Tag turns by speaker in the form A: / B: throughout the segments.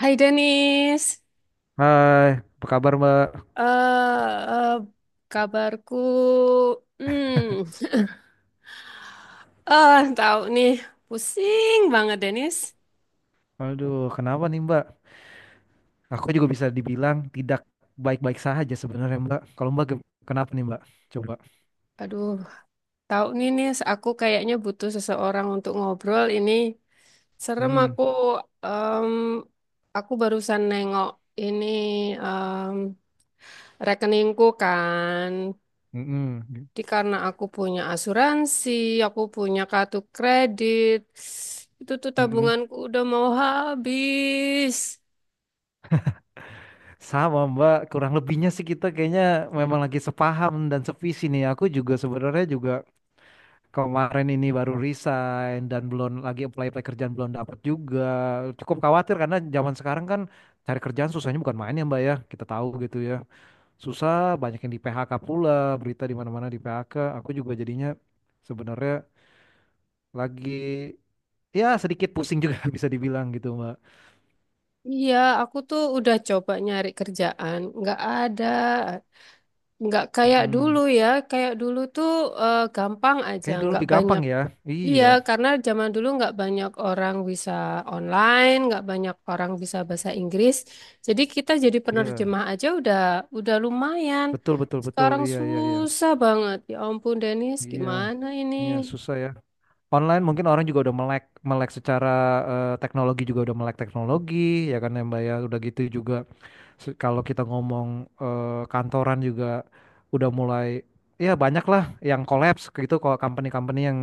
A: Hai Denis,
B: Hai, apa kabar Mbak?
A: eh eh, kabarku, hmm, ah tahu nih, pusing banget Denis.
B: Aduh, kenapa nih Mbak? Aku juga bisa dibilang tidak baik-baik saja sebenarnya Mbak. Kalau kenapa nih Mbak? Coba.
A: Aduh, tahu nih Nis, aku kayaknya butuh seseorang untuk ngobrol ini. Serem
B: Hmm,
A: aku, em, aku barusan nengok ini em, rekeningku kan.
B: mm-mm,
A: Jadi karena aku punya asuransi, aku punya kartu kredit, itu tuh
B: mm-mm.
A: tabunganku udah mau habis.
B: Sama Mbak, kurang lebihnya sih kita kayaknya memang lagi sepaham dan sevisi nih. Aku juga sebenarnya juga kemarin ini baru resign dan belum lagi apply-apply kerjaan belum dapat juga. Cukup khawatir karena zaman sekarang kan cari kerjaan susahnya bukan main ya Mbak ya. Kita tahu gitu ya. Susah, banyak yang di PHK pula, berita di mana-mana di PHK. Aku juga jadinya sebenarnya lagi ya sedikit pusing juga bisa dibilang gitu, Mbak.
A: Iya, aku tuh udah coba nyari kerjaan, nggak ada, nggak kayak dulu
B: Mm-mm.
A: ya, kayak dulu tuh gampang aja,
B: Kayaknya dulu
A: nggak
B: lebih gampang
A: banyak.
B: ya. Iya,
A: Iya, karena zaman dulu nggak banyak orang bisa online, nggak banyak orang bisa bahasa Inggris. Jadi kita jadi
B: iya.
A: penerjemah aja udah lumayan.
B: Betul, betul, betul.
A: Sekarang
B: Iya, iya, iya.
A: susah banget. Ya ampun, Denis,
B: Iya,
A: gimana ini?
B: iya susah ya. Online mungkin orang juga udah melek melek secara teknologi juga udah melek teknologi ya kan ya, Mbak ya. Udah gitu juga. Kalau kita ngomong kantoran juga udah mulai ya banyak lah yang collapse kayak gitu kalau company-company yang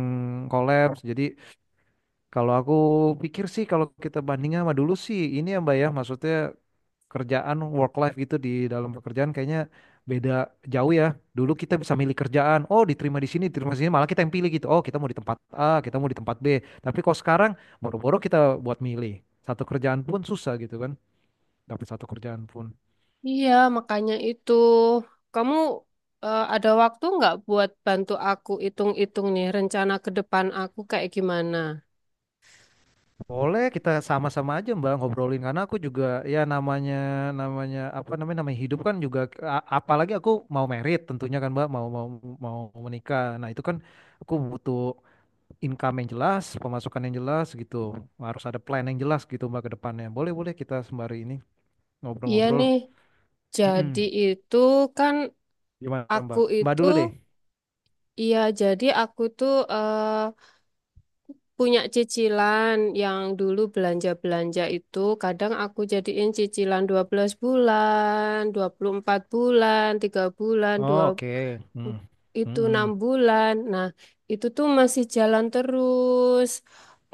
B: collapse. Jadi kalau aku pikir sih kalau kita bandingin sama dulu sih ini ya Mbak ya maksudnya kerjaan work life gitu di dalam pekerjaan kayaknya beda jauh ya. Dulu kita bisa milih kerjaan, oh diterima di sini, malah kita yang pilih gitu. Oh, kita mau di tempat A, kita mau di tempat B. Tapi kalau sekarang boro-boro kita buat milih. Satu kerjaan pun susah gitu kan, dapat satu kerjaan pun.
A: Iya, makanya itu. Kamu ada waktu nggak buat bantu aku hitung-hitung nih rencana ke depan aku kayak gimana?
B: Boleh kita sama-sama aja Mbak ngobrolin karena aku juga ya namanya namanya apa namanya namanya hidup kan juga apalagi aku mau merit tentunya kan Mbak mau mau mau menikah. Nah, itu kan aku butuh income yang jelas, pemasukan yang jelas gitu. Harus ada plan yang jelas gitu Mbak ke depannya. Boleh boleh kita sembari ini
A: Iya nih,
B: ngobrol-ngobrol.
A: jadi
B: Mm-mm.
A: itu kan
B: Gimana
A: aku
B: Mbak? Mbak
A: itu,
B: dulu deh.
A: iya jadi aku itu punya cicilan yang dulu belanja-belanja itu kadang aku jadiin cicilan 12 bulan, 24 bulan, 3 bulan,
B: Oh,
A: 2
B: oke. Mm.
A: itu 6
B: Mm-mm.
A: bulan. Nah, itu tuh masih jalan terus.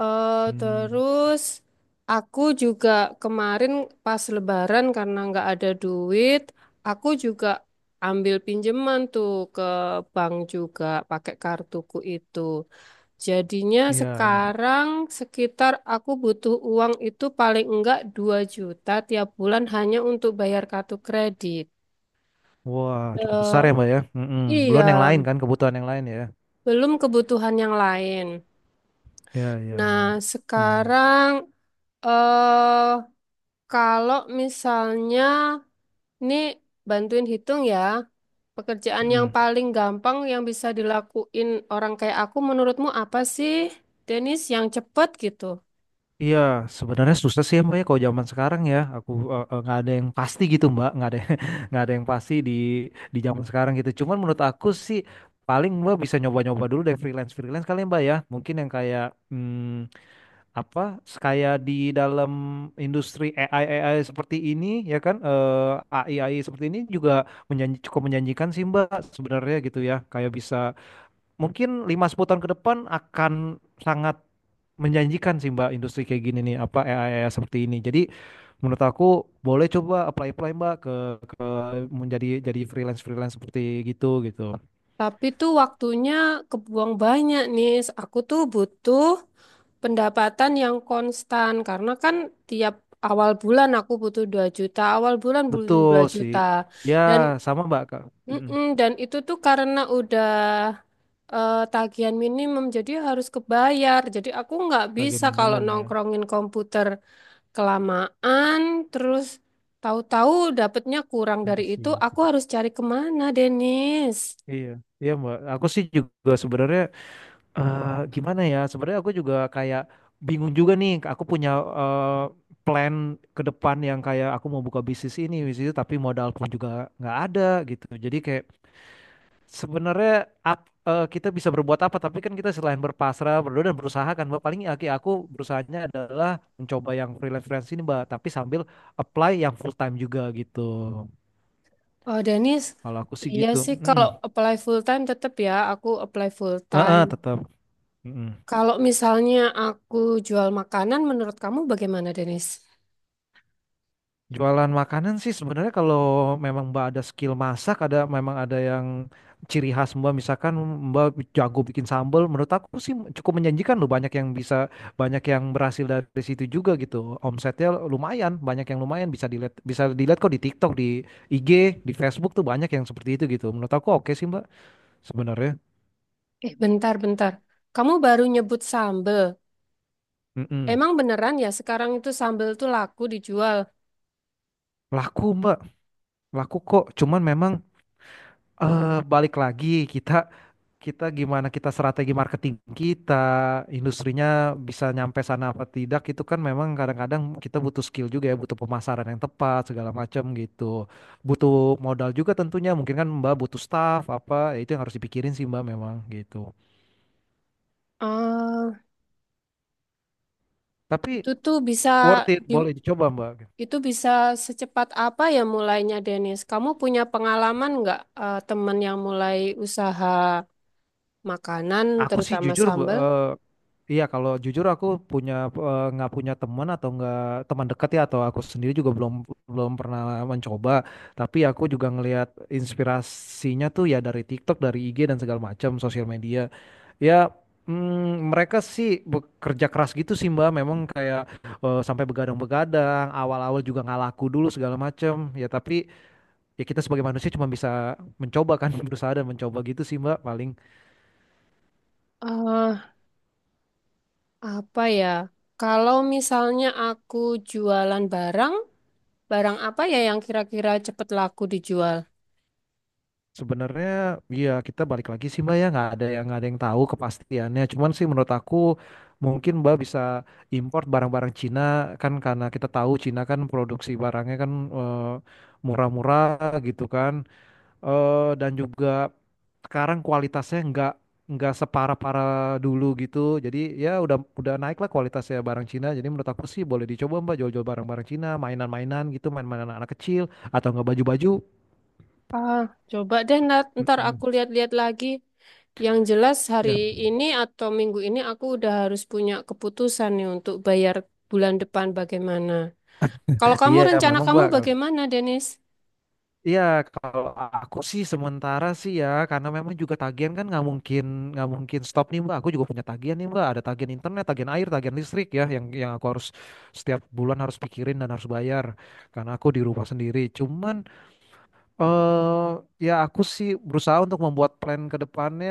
A: Eh
B: Hmm.
A: terus aku juga kemarin pas lebaran karena nggak ada duit, aku juga ambil pinjaman tuh ke bank juga pakai kartuku itu. Jadinya
B: Iya, iya.
A: sekarang sekitar aku butuh uang itu paling enggak 2 juta tiap bulan hanya untuk bayar kartu kredit.
B: Wah, cukup besar
A: Eh,
B: ya Mbak ya. Mm-mm. Belum yang
A: iya,
B: lain kan kebutuhan yang lain ya.
A: belum kebutuhan yang lain.
B: Ya, ya,
A: Nah,
B: ya. Hmm.
A: sekarang eh kalau misalnya ini bantuin hitung ya, pekerjaan yang
B: Mm.
A: paling gampang yang bisa dilakuin orang kayak aku menurutmu apa sih, Denis, yang cepet gitu?
B: Iya, sebenarnya susah sih ya Mbak ya kalau zaman sekarang ya. Aku nggak ada yang pasti gitu Mbak, nggak ada nggak ada yang pasti di zaman sekarang gitu. Cuman menurut aku sih paling Mbak bisa nyoba-nyoba dulu deh freelance freelance kali ya, Mbak ya. Mungkin yang kayak hmm, apa kayak di dalam industri AI AI seperti ini ya kan AI AI seperti ini juga menjanji, cukup menjanjikan sih Mbak sebenarnya gitu ya. Kayak bisa mungkin 5 sampai 10 tahun ke depan akan sangat menjanjikan sih Mbak industri kayak gini nih apa AI, seperti ini. Jadi menurut aku boleh coba apply-apply Mbak ke jadi freelance-freelance seperti gitu gitu.
A: Tapi tuh waktunya kebuang banyak nih. Aku tuh butuh pendapatan yang konstan karena kan tiap awal bulan aku butuh 2 juta, awal bulan butuh
B: Betul
A: 2
B: sih.
A: juta.
B: Ya,
A: Dan
B: sama Mbak Kak. Mm-mm.
A: mm-mm, dan itu tuh karena udah tagihan minimum jadi harus kebayar. Jadi aku nggak
B: Sebagai
A: bisa kalau
B: minimum ya.
A: nongkrongin komputer kelamaan terus tahu-tahu dapetnya kurang dari
B: Iya
A: itu,
B: sih.
A: aku harus cari kemana, Denis?
B: Iya, iya Mbak. Aku sih juga sebenarnya gimana ya? Sebenarnya aku juga kayak bingung juga nih. Aku punya eh, plan ke depan yang kayak aku mau buka bisnis ini, bisnis itu, tapi modal pun juga nggak ada gitu. Jadi kayak sebenarnya kita bisa berbuat apa? Tapi kan kita selain berpasrah, berdoa dan berusaha kan, Mbak. Paling aku berusahanya adalah mencoba yang freelance-freelance ini, Mbak. Tapi sambil apply yang full time juga gitu.
A: Oh, Dennis,
B: Kalau aku sih
A: iya
B: gitu.
A: sih
B: Mm-mm.
A: kalau apply full time tetap ya aku apply full time.
B: Heeh, tetap.
A: Kalau misalnya aku jual makanan, menurut kamu bagaimana, Denis?
B: Jualan makanan sih sebenarnya kalau memang Mbak ada skill masak, ada yang ciri khas Mbak, misalkan Mbak jago bikin sambal, menurut aku sih cukup menjanjikan loh, banyak yang bisa, banyak yang berhasil dari situ juga gitu. Omsetnya lumayan, banyak yang lumayan bisa dilihat kok di TikTok, di IG, di Facebook tuh banyak yang seperti itu gitu. Menurut aku oke sih Mbak sebenarnya.
A: Eh, bentar, bentar. Kamu baru nyebut sambel.
B: Mm-mm.
A: Emang beneran ya sekarang itu sambel tuh laku dijual?
B: Laku Mbak, laku kok. Cuman memang balik lagi kita kita gimana kita strategi marketing kita, industrinya bisa nyampe sana apa tidak itu kan memang kadang-kadang kita butuh skill juga ya, butuh pemasaran yang tepat segala macam gitu. Butuh modal juga tentunya, mungkin kan Mbak butuh staff apa, ya itu yang harus dipikirin sih Mbak memang gitu.
A: Ah,
B: Tapi
A: itu tuh bisa
B: worth it,
A: di,
B: boleh dicoba Mbak.
A: itu bisa secepat apa ya mulainya, Denis? Kamu punya pengalaman nggak teman yang mulai usaha makanan,
B: Aku sih
A: terutama
B: jujur,
A: sambel?
B: iya kalau jujur aku punya eh, nggak punya teman atau nggak teman dekat ya atau aku sendiri juga belum belum pernah mencoba. Tapi aku juga ngelihat inspirasinya tuh ya dari TikTok, dari IG dan segala macam sosial media. Ya mm, mereka sih bekerja keras gitu sih Mbak. Memang kayak sampai begadang-begadang, awal-awal juga nggak laku dulu segala macam. Ya tapi ya kita sebagai manusia cuma bisa mencoba kan berusaha dan mencoba gitu sih Mbak paling.
A: Apa ya? Kalau misalnya aku jualan barang, barang apa ya yang kira-kira cepet laku dijual?
B: Sebenarnya ya kita balik lagi sih Mbak ya nggak ada yang tahu kepastiannya. Cuman sih menurut aku mungkin Mbak bisa import barang-barang Cina kan karena kita tahu Cina kan produksi barangnya kan eh, murah-murah gitu kan. Eh, dan juga sekarang kualitasnya nggak separah-parah dulu gitu. Jadi ya udah naik lah kualitasnya barang Cina. Jadi menurut aku sih boleh dicoba Mbak jual-jual barang-barang Cina, mainan-mainan gitu, main-mainan anak kecil atau nggak baju-baju.
A: Ah, coba deh nat,
B: Mm,
A: ntar aku
B: mm.
A: lihat-lihat lagi. Yang jelas hari
B: Ya.
A: ini atau minggu ini aku udah harus punya keputusan nih untuk bayar bulan depan bagaimana. Kalau kamu
B: Iya,
A: rencana
B: memang
A: kamu
B: Mbak.
A: bagaimana, Denis?
B: Iya, kalau aku sih sementara sih ya, karena memang juga tagihan kan nggak mungkin stop nih Mbak. Aku juga punya tagihan nih Mbak. Ada tagihan internet, tagihan air, tagihan listrik ya, yang aku harus setiap bulan harus pikirin dan harus bayar. Karena aku di rumah sendiri. Cuman eh ya aku sih berusaha untuk membuat plan ke depannya.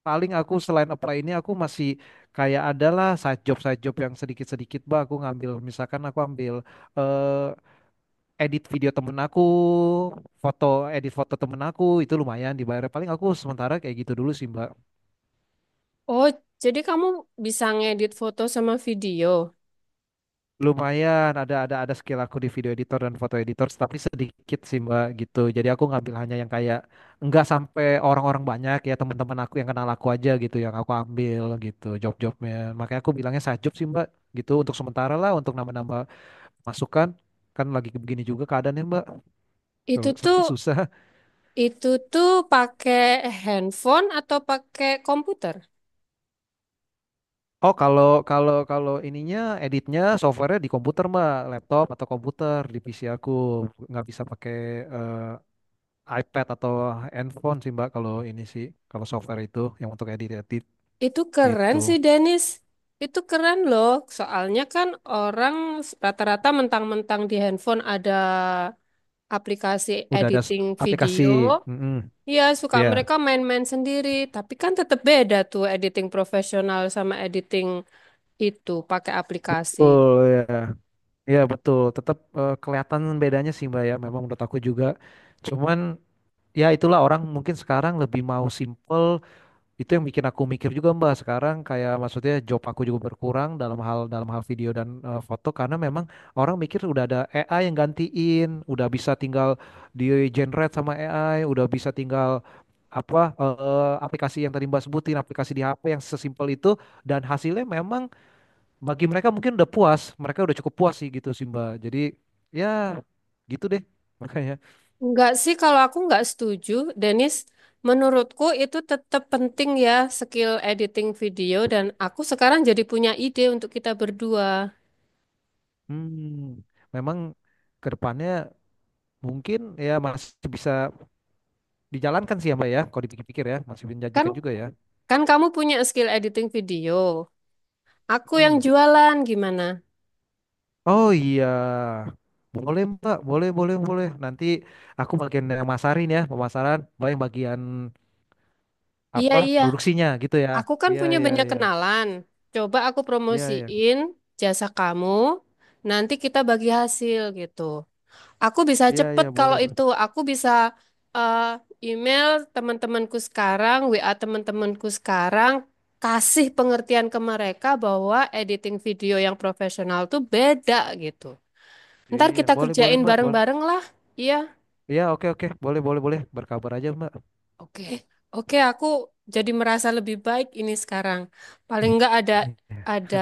B: Paling aku selain apply ini aku masih kayak adalah side job yang sedikit-sedikit Mbak. Aku ngambil misalkan aku ambil eh, edit video temen aku, edit foto temen aku itu lumayan dibayar. Paling aku sementara kayak gitu dulu sih Mbak.
A: Oh, jadi kamu bisa ngedit foto sama video.
B: Lumayan ada skill aku di video editor dan foto editor, tapi sedikit sih Mbak gitu. Jadi aku ngambil hanya yang kayak nggak sampai orang-orang banyak ya teman-teman aku yang kenal aku aja gitu yang aku ambil gitu job-jobnya. Makanya aku bilangnya sajop sih Mbak gitu untuk sementara lah untuk nambah-nambah masukan kan lagi begini juga keadaannya Mbak.
A: Itu tuh
B: Susah.
A: itu tuh pakai handphone atau pakai komputer?
B: Oh, kalau kalau kalau ininya editnya softwarenya di komputer mah, laptop atau komputer di PC aku nggak bisa pakai eh, iPad atau handphone sih Mbak kalau ini sih kalau software itu yang untuk edit edit
A: Itu keren
B: gitu.
A: sih Dennis. Itu keren loh. Soalnya kan orang rata-rata mentang-mentang di handphone ada aplikasi
B: Udah ada s-
A: editing
B: aplikasi.
A: video.
B: Mm-mm.
A: Ya, suka
B: Ya,
A: mereka main-main sendiri. Tapi kan tetap beda tuh editing profesional sama editing itu pakai aplikasi.
B: betul ya. Ya betul. Tetap kelihatan bedanya sih Mbak ya. Memang menurut aku juga. Cuman ya itulah orang mungkin sekarang lebih mau simple itu yang bikin aku mikir juga Mbak sekarang kayak maksudnya job aku juga berkurang dalam hal video dan foto karena memang orang mikir udah ada AI yang gantiin, udah bisa tinggal di generate sama AI, udah bisa tinggal apa aplikasi yang tadi Mbak sebutin, aplikasi di HP yang sesimpel itu dan hasilnya memang bagi mereka mungkin udah puas, mereka udah cukup puas sih gitu sih Mbak. Jadi ya gitu deh makanya.
A: Enggak sih kalau aku enggak setuju, Dennis. Menurutku itu tetap penting ya skill editing video dan aku sekarang jadi punya ide untuk kita berdua.
B: Hmm, memang ke depannya mungkin ya masih bisa dijalankan sih ya Mbak ya, kalau dipikir-pikir ya, masih
A: Kan
B: menjanjikan juga ya.
A: Kan kamu punya skill editing video. Aku yang
B: Hmm.
A: jualan gimana?
B: Oh iya, boleh Mbak, boleh, boleh, boleh. Nanti aku bagian yang masarin ya, pemasaran, Mbak yang bagian
A: Iya,
B: apa
A: iya.
B: produksinya gitu ya.
A: Aku kan
B: Iya,
A: punya
B: iya,
A: banyak
B: iya,
A: kenalan. Coba aku
B: iya, iya,
A: promosiin jasa kamu. Nanti kita bagi hasil gitu. Aku bisa
B: iya, iya,
A: cepet
B: boleh,
A: kalau
B: boleh.
A: itu. Aku bisa eh, email teman-temanku sekarang, WA teman-temanku sekarang. Kasih pengertian ke mereka bahwa editing video yang profesional tuh beda gitu. Ntar
B: Iya,
A: kita
B: boleh, boleh
A: kerjain
B: Mbak, boleh.
A: bareng-bareng lah. Iya.
B: Iya, oke, oke, boleh, boleh, boleh. Berkabar aja Mbak.
A: Oke, Oke, aku jadi merasa lebih baik ini sekarang. Paling nggak ada ada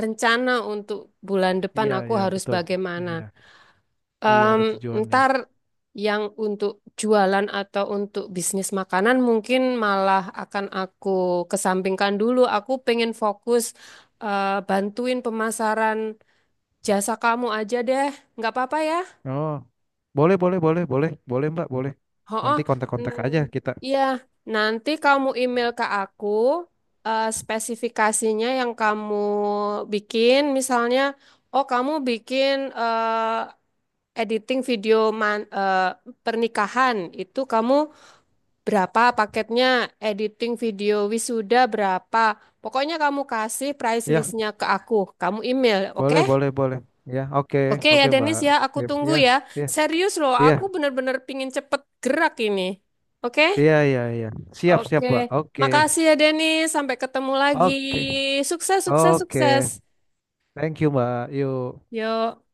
A: rencana untuk bulan depan
B: Iya,
A: aku
B: iya,
A: harus
B: betul.
A: bagaimana.
B: Iya, iya
A: Em,
B: ada tujuan ya.
A: ntar yang untuk jualan atau untuk bisnis makanan mungkin malah akan aku kesampingkan dulu. Aku pengen fokus bantuin pemasaran jasa kamu aja deh. Nggak apa-apa ya?
B: Oh, boleh, boleh, boleh, boleh, boleh Mbak, boleh. Nanti
A: Oh,
B: kontak-kontak aja kita.
A: iya. Nanti kamu email ke aku spesifikasinya yang kamu bikin. Misalnya, oh kamu bikin eh, editing video pernikahan itu kamu berapa paketnya? Editing video wisuda berapa? Pokoknya kamu kasih price
B: Iya.
A: listnya ke aku. Kamu email, oke?
B: Boleh, boleh, boleh. Ya, oke,
A: Oke ya
B: oke, Mbak.
A: Denis ya, aku
B: Sip,
A: tunggu
B: ya,
A: ya.
B: ya,
A: Serius loh,
B: ya
A: aku bener-bener pingin cepet gerak ini. Oke?
B: ya ya iya. Siap, siap,
A: Oke,
B: Mbak. Oke,
A: makasih ya Denny. Sampai ketemu lagi.
B: oke,
A: Sukses, sukses,
B: oke.
A: sukses.
B: Thank you, Mbak. Yuk.
A: Yuk.